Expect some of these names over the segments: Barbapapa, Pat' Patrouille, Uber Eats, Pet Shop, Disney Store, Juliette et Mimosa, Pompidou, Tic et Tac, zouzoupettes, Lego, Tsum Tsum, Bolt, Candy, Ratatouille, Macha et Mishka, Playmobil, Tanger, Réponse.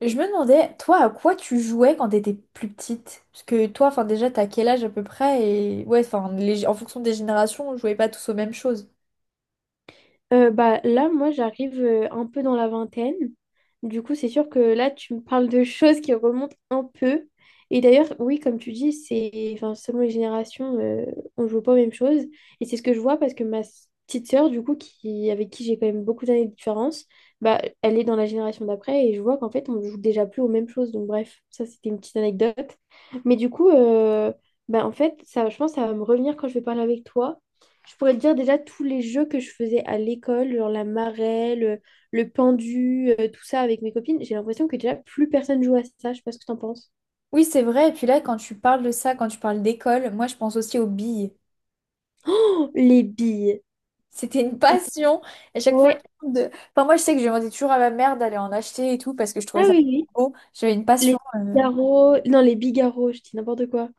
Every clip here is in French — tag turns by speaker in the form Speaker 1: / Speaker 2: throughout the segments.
Speaker 1: Je me demandais, toi, à quoi tu jouais quand t'étais plus petite? Parce que toi, enfin déjà, t'as quel âge à peu près? Et ouais, enfin, en fonction des générations, on jouait pas tous aux mêmes choses.
Speaker 2: Là, moi, j'arrive un peu dans la vingtaine. Du coup, c'est sûr que là, tu me parles de choses qui remontent un peu. Et d'ailleurs, oui, comme tu dis, c'est selon les générations, on joue pas aux mêmes choses. Et c'est ce que je vois parce que petite sœur, du coup, avec qui j'ai quand même beaucoup d'années de différence, bah, elle est dans la génération d'après et je vois qu'en fait, on joue déjà plus aux mêmes choses. Donc, bref, ça, c'était une petite anecdote. Mais du coup, euh, En fait, ça, je pense que ça va me revenir quand je vais parler avec toi. Je pourrais te dire déjà tous les jeux que je faisais à l'école, genre la marelle, le pendu, tout ça avec mes copines. J'ai l'impression que déjà plus personne joue à ça. Je sais pas ce que t'en penses.
Speaker 1: Oui, c'est vrai. Et puis là, quand tu parles de ça, quand tu parles d'école, moi, je pense aussi aux billes.
Speaker 2: Oh, les billes.
Speaker 1: C'était une passion. À chaque fois,
Speaker 2: Ouais.
Speaker 1: enfin, moi, je sais que je demandais toujours à ma mère d'aller en acheter et tout parce que je trouvais
Speaker 2: Ah
Speaker 1: ça
Speaker 2: oui, oui.
Speaker 1: trop beau. J'avais une
Speaker 2: Les
Speaker 1: passion.
Speaker 2: bigarros. Non, les bigarros, je dis n'importe quoi.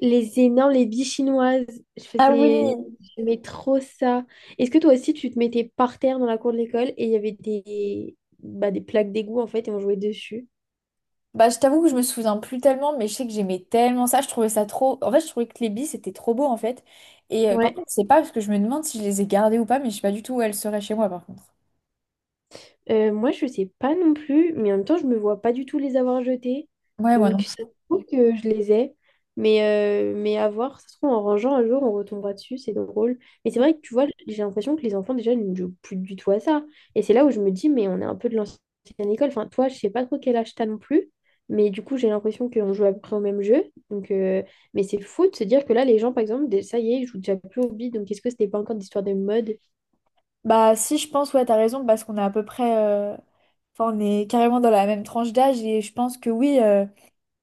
Speaker 2: Les énormes, les billes chinoises. Je
Speaker 1: Ah oui.
Speaker 2: faisais. J'aimais trop ça. Est-ce que toi aussi, tu te mettais par terre dans la cour de l'école et il y avait des, bah, des plaques d'égout en fait et on jouait dessus?
Speaker 1: Bah, je t'avoue que je me souviens plus tellement, mais je sais que j'aimais tellement ça. Je trouvais ça trop. En fait, je trouvais que les billes, c'était trop beau, en fait. Et par
Speaker 2: Ouais.
Speaker 1: contre, je sais pas, parce que je me demande si je les ai gardées ou pas, mais je sais pas du tout où elles seraient chez moi, par contre.
Speaker 2: Moi, je sais pas non plus, mais en même temps, je me vois pas du tout les avoir jetés.
Speaker 1: Ouais, moi non.
Speaker 2: Donc, ça se
Speaker 1: Plus.
Speaker 2: trouve que je les ai. Mais, mais à voir, ça se trouve, en rangeant un jour, on retombera dessus, c'est drôle. Mais c'est vrai que tu vois, j'ai l'impression que les enfants, déjà, ne jouent plus du tout à ça. Et c'est là où je me dis, mais on est un peu de l'ancienne école. Enfin, toi, je sais pas trop quel âge t'as non plus. Mais du coup, j'ai l'impression qu'on joue à peu près au même jeu. Donc, euh, mais c'est fou de se dire que là, les gens, par exemple, ça y est, ils jouent déjà plus au bide. Donc, est-ce que c'était pas encore d'histoire de mode?
Speaker 1: Bah, si, je pense, ouais, t'as raison, parce qu'on est à peu près. Enfin, on est carrément dans la même tranche d'âge, et je pense que oui.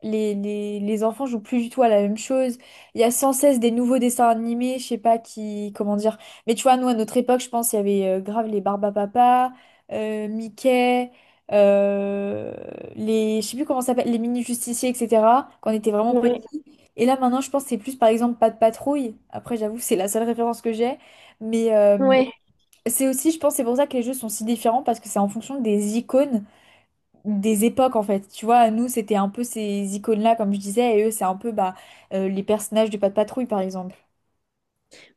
Speaker 1: Les enfants jouent plus du tout à la même chose. Il y a sans cesse des nouveaux dessins animés, je sais pas qui, comment dire. Mais tu vois, nous, à notre époque, je pense, il y avait grave les Barbapapa, Mickey, euh, les, je sais plus comment ça s'appelle, les mini-justiciers, etc., quand on était vraiment
Speaker 2: Ouais,
Speaker 1: petits. Et là, maintenant, je pense que c'est plus, par exemple, pas de patrouille. Après, j'avoue, c'est la seule référence que j'ai. Mais
Speaker 2: ouais.
Speaker 1: c'est aussi, je pense, c'est pour ça que les jeux sont si différents, parce que c'est en fonction des icônes des époques en fait. Tu vois, nous c'était un peu ces icônes-là comme je disais et eux c'est un peu les personnages de Pat' Patrouille par exemple.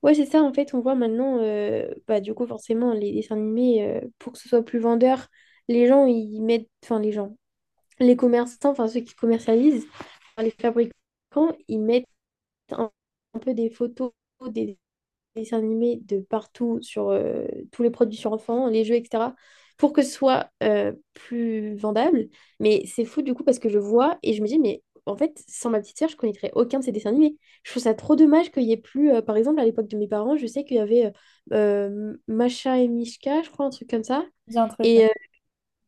Speaker 2: Ouais, c'est ça, en fait, on voit maintenant, du coup, forcément, les dessins animés, pour que ce soit plus vendeur, les gens, ils mettent, enfin, les gens, les commerçants, enfin, ceux qui commercialisent, enfin, les fabricants, ils mettent un, un peu des photos, des dessins animés de partout, sur tous les produits sur enfants, les jeux, etc., pour que ce soit plus vendable. Mais c'est fou du coup parce que je vois et je me dis, mais en fait, sans ma petite sœur, je connaîtrais aucun de ces dessins animés. Je trouve ça trop dommage qu'il y ait plus, par exemple, à l'époque de mes parents, je sais qu'il y avait Macha et Mishka, je crois, un truc comme ça.
Speaker 1: Dis un truc, ouais.
Speaker 2: Et, euh,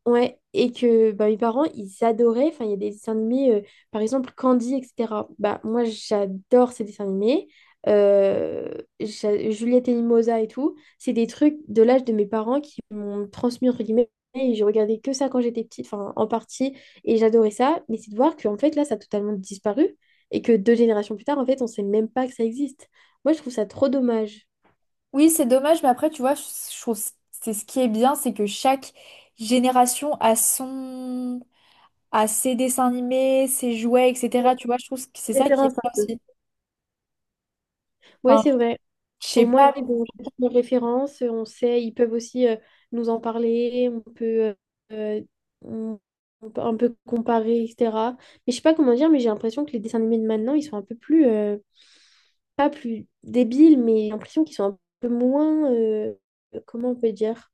Speaker 2: Ouais, et que bah, mes parents, ils adoraient. Enfin, il y a des dessins animés, par exemple Candy, etc. Bah, moi, j'adore ces dessins animés. Euh, Juliette et Mimosa et tout. C'est des trucs de l'âge de mes parents qui m'ont transmis, entre guillemets. Et je regardais que ça quand j'étais petite, enfin, en partie. Et j'adorais ça. Mais c'est de voir qu'en fait, là, ça a totalement disparu. Et que deux générations plus tard, en fait, on sait même pas que ça existe. Moi, je trouve ça trop dommage.
Speaker 1: Oui, c'est dommage, mais après tu vois, je trouve c'est ce qui est bien, c'est que chaque génération a son a ses dessins animés, ses jouets, etc. Tu vois, je trouve que c'est ça qui est
Speaker 2: Référence.
Speaker 1: bien
Speaker 2: Un
Speaker 1: aussi.
Speaker 2: Ouais,
Speaker 1: Enfin,
Speaker 2: c'est vrai.
Speaker 1: je
Speaker 2: Au
Speaker 1: sais
Speaker 2: moins,
Speaker 1: pas.
Speaker 2: ils ont chacun leurs références, on sait, ils peuvent aussi nous en parler, euh, euh, on- on peut un peu comparer, etc. Mais je sais pas comment dire, mais j'ai l'impression que les dessins animés de maintenant, ils sont un peu plus, pas plus débiles, mais j'ai l'impression qu'ils sont un peu moins, comment on peut dire?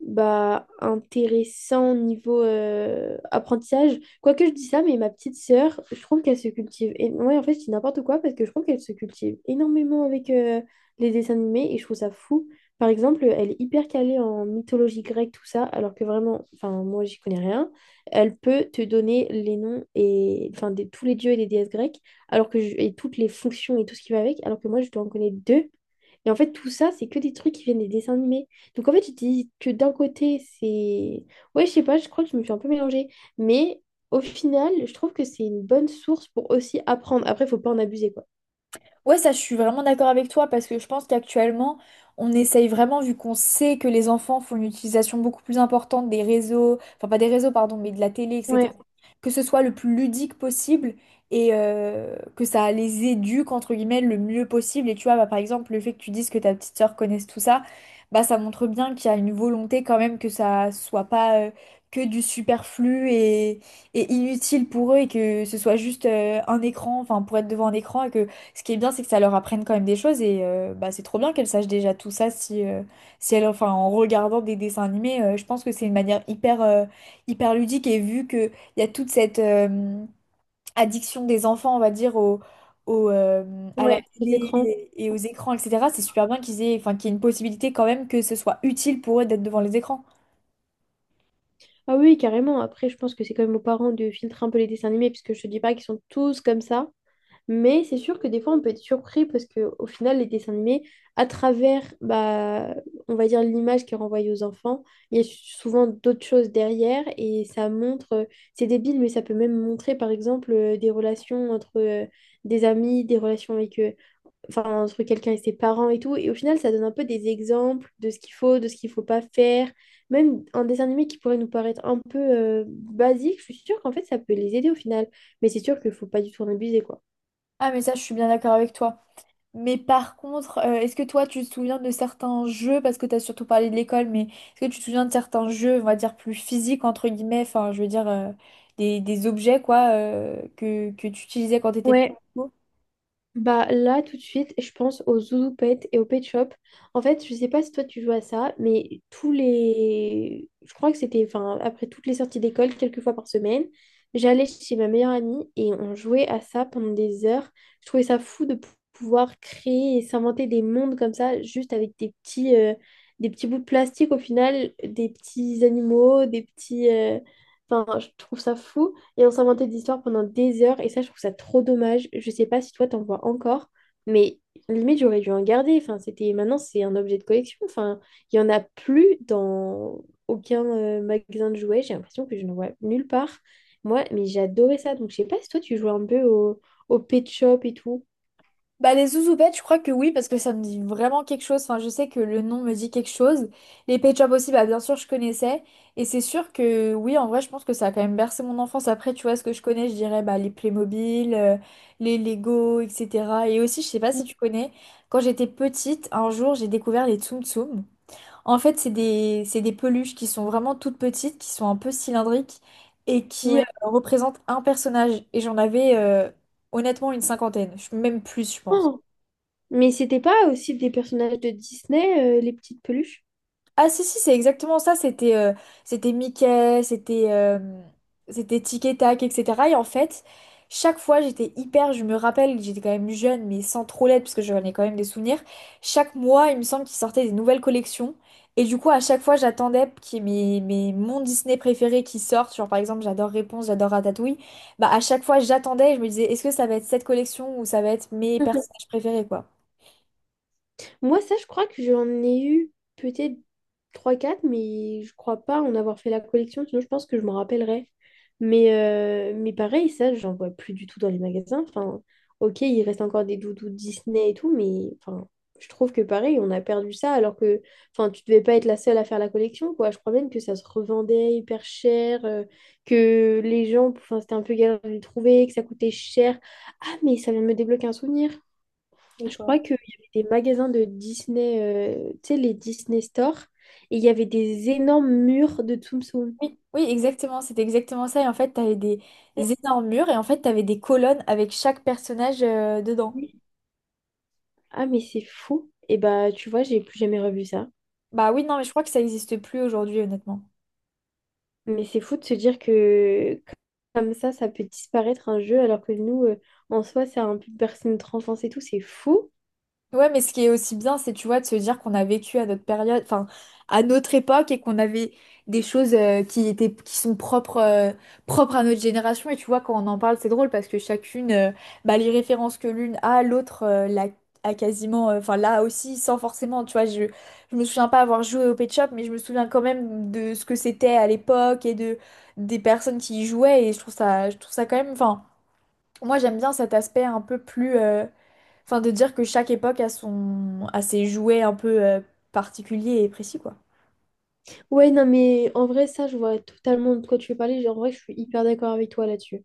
Speaker 2: Bah, intéressant niveau apprentissage. Quoique je dis ça, mais ma petite sœur, je trouve qu'elle se cultive. Et ouais, en fait, je dis n'importe quoi parce que je trouve qu'elle se cultive énormément avec les dessins animés et je trouve ça fou. Par exemple, elle est hyper calée en mythologie grecque, tout ça, alors que vraiment, enfin, moi, j'y connais rien. Elle peut te donner les noms et, enfin, de tous les dieux et des déesses grecques, et toutes les fonctions et tout ce qui va avec, alors que moi, je dois en connaître deux. Et en fait, tout ça, c'est que des trucs qui viennent des dessins animés. Donc en fait, tu te dis que d'un côté, c'est... Ouais, je sais pas, je crois que je me suis un peu mélangée. Mais au final, je trouve que c'est une bonne source pour aussi apprendre. Après, faut pas en abuser, quoi.
Speaker 1: Ouais, ça, je suis vraiment d'accord avec toi parce que je pense qu'actuellement, on essaye vraiment, vu qu'on sait que les enfants font une utilisation beaucoup plus importante des réseaux, enfin pas des réseaux, pardon, mais de la télé, etc.,
Speaker 2: Ouais,
Speaker 1: que ce soit le plus ludique possible et que ça les éduque, entre guillemets, le mieux possible. Et tu vois, bah, par exemple, le fait que tu dises que ta petite sœur connaisse tout ça, bah ça montre bien qu'il y a une volonté quand même que ça soit pas que du superflu et inutile pour eux et que ce soit juste un écran, enfin pour être devant un écran et que ce qui est bien, c'est que ça leur apprenne quand même des choses et bah, c'est trop bien qu'elles sachent déjà tout ça si, si elles, enfin, en regardant des dessins animés, je pense que c'est une manière hyper, hyper ludique et vu qu'il y a toute cette addiction des enfants, on va dire, à la
Speaker 2: ouais. Les écrans.
Speaker 1: télé et aux écrans, etc., c'est super bien qu'ils aient, enfin, qu'il y ait une possibilité quand même que ce soit utile pour eux d'être devant les écrans.
Speaker 2: Ah oui, carrément. Après, je pense que c'est quand même aux parents de filtrer un peu les dessins animés, puisque je te dis pas qu'ils sont tous comme ça. Mais c'est sûr que des fois, on peut être surpris parce qu'au final, les dessins animés, à travers, bah, on va dire, l'image qui est renvoyée aux enfants, il y a souvent d'autres choses derrière et ça montre, c'est débile, mais ça peut même montrer, par exemple, des relations entre des amis, des relations avec, enfin, entre quelqu'un et ses parents et tout. Et au final, ça donne un peu des exemples de ce qu'il faut, de ce qu'il faut pas faire. Même un dessin animé qui pourrait nous paraître un peu basique, je suis sûre qu'en fait, ça peut les aider au final. Mais c'est sûr qu'il faut pas du tout en abuser, quoi.
Speaker 1: Ah mais ça, je suis bien d'accord avec toi. Mais par contre, est-ce que toi, tu te souviens de certains jeux, parce que tu as surtout parlé de l'école, mais est-ce que tu te souviens de certains jeux, on va dire, plus physiques, entre guillemets, enfin, je veux dire, des objets, quoi, que tu utilisais quand tu étais petit?
Speaker 2: Ouais. Bah là tout de suite, je pense aux zouzoupettes et aux pet shop. En fait, je sais pas si toi tu joues à ça, mais tous les, je crois que c'était, enfin après toutes les sorties d'école, quelques fois par semaine, j'allais chez ma meilleure amie et on jouait à ça pendant des heures. Je trouvais ça fou de pouvoir créer et s'inventer des mondes comme ça, juste avec des petits bouts de plastique au final, des petits animaux, des petits, enfin je trouve ça fou. Et on s'inventait des histoires pendant des heures. Et ça, je trouve ça trop dommage. Je sais pas si toi, t'en vois encore. Mais limite, j'aurais dû en garder. Enfin, c'était... Maintenant, c'est un objet de collection. Enfin, il y en a plus dans aucun magasin de jouets. J'ai l'impression que je ne vois nulle part. Moi, mais j'adorais ça. Donc, je sais pas si toi, tu jouais un peu au Pet Shop et tout.
Speaker 1: Bah, les zouzoupettes, je crois que oui, parce que ça me dit vraiment quelque chose. Enfin, je sais que le nom me dit quelque chose. Les Pet Shop aussi, bah, bien sûr, je connaissais. Et c'est sûr que oui, en vrai, je pense que ça a quand même bercé mon enfance. Après, tu vois, ce que je connais, je dirais bah, les Playmobil, les Lego, etc. Et aussi, je sais pas si tu connais, quand j'étais petite, un jour, j'ai découvert les Tsum Tsum. En fait, c'est des peluches qui sont vraiment toutes petites, qui sont un peu cylindriques et qui
Speaker 2: Ouais.
Speaker 1: représentent un personnage. Et j'en avais honnêtement une cinquantaine. Même plus, je pense.
Speaker 2: Oh, mais c'était pas aussi des personnages de Disney, les petites peluches?
Speaker 1: Ah si si c'est exactement ça c'était Mickey, c'était Tic et Tac, etc. Et en fait, chaque fois j'étais hyper, je me rappelle, j'étais quand même jeune mais sans trop l'être parce que j'en ai quand même des souvenirs. Chaque mois il me semble qu'ils sortaient des nouvelles collections et du coup à chaque fois j'attendais qu'il y ait mes mon Disney préféré qui sorte, genre par exemple j'adore Réponse, j'adore Ratatouille. Bah à chaque fois j'attendais et je me disais est-ce que ça va être cette collection ou ça va être mes personnages préférés, quoi.
Speaker 2: Moi, ça, je crois que j'en ai eu peut-être trois quatre mais je crois pas en avoir fait la collection, sinon je pense que je m'en rappellerais. Mais pareil, ça, j'en vois plus du tout dans les magasins. Enfin, ok, il reste encore des doudous Disney et tout, mais enfin, je trouve que pareil, on a perdu ça, alors que enfin, tu devais pas être la seule à faire la collection, quoi. Je crois même que ça se revendait hyper cher, que les gens, enfin, c'était un peu galère de les trouver, que ça coûtait cher. Ah, mais ça vient de me débloquer un souvenir. Je crois qu'il y avait des magasins de Disney, tu sais, les Disney Store, et il y avait des énormes murs de Tsum Tsum.
Speaker 1: Oui, oui, exactement, c'était exactement ça. Et en fait, t'avais des énormes murs et en fait, t'avais des colonnes avec chaque personnage dedans.
Speaker 2: Ah, mais c'est fou. Et bah, tu vois, j'ai plus jamais revu ça.
Speaker 1: Bah oui, non, mais je crois que ça n'existe plus aujourd'hui, honnêtement.
Speaker 2: Mais c'est fou de se dire que comme ça peut disparaître un jeu, alors que nous, en soi, ça a un peu bercé notre enfance et tout. C'est fou.
Speaker 1: Ouais, mais ce qui est aussi bien, c'est, tu vois, de se dire qu'on a vécu à notre période, enfin, à notre époque et qu'on avait des choses qui étaient, qui sont propres, propres à notre génération. Et tu vois, quand on en parle, c'est drôle parce que chacune, bah, les références que l'une a, l'autre a quasiment, enfin, là aussi, sans forcément, tu vois, je me souviens pas avoir joué au Pet Shop, mais je me souviens quand même de ce que c'était à l'époque et de, des personnes qui y jouaient. Et je trouve ça quand même, enfin, moi, j'aime bien cet aspect un peu plus. Enfin, de dire que chaque époque a son... a ses jouets un peu particuliers et précis, quoi.
Speaker 2: Ouais, non, mais en vrai, ça, je vois totalement de quoi tu veux parler. Genre, en vrai, je suis hyper d'accord avec toi là-dessus.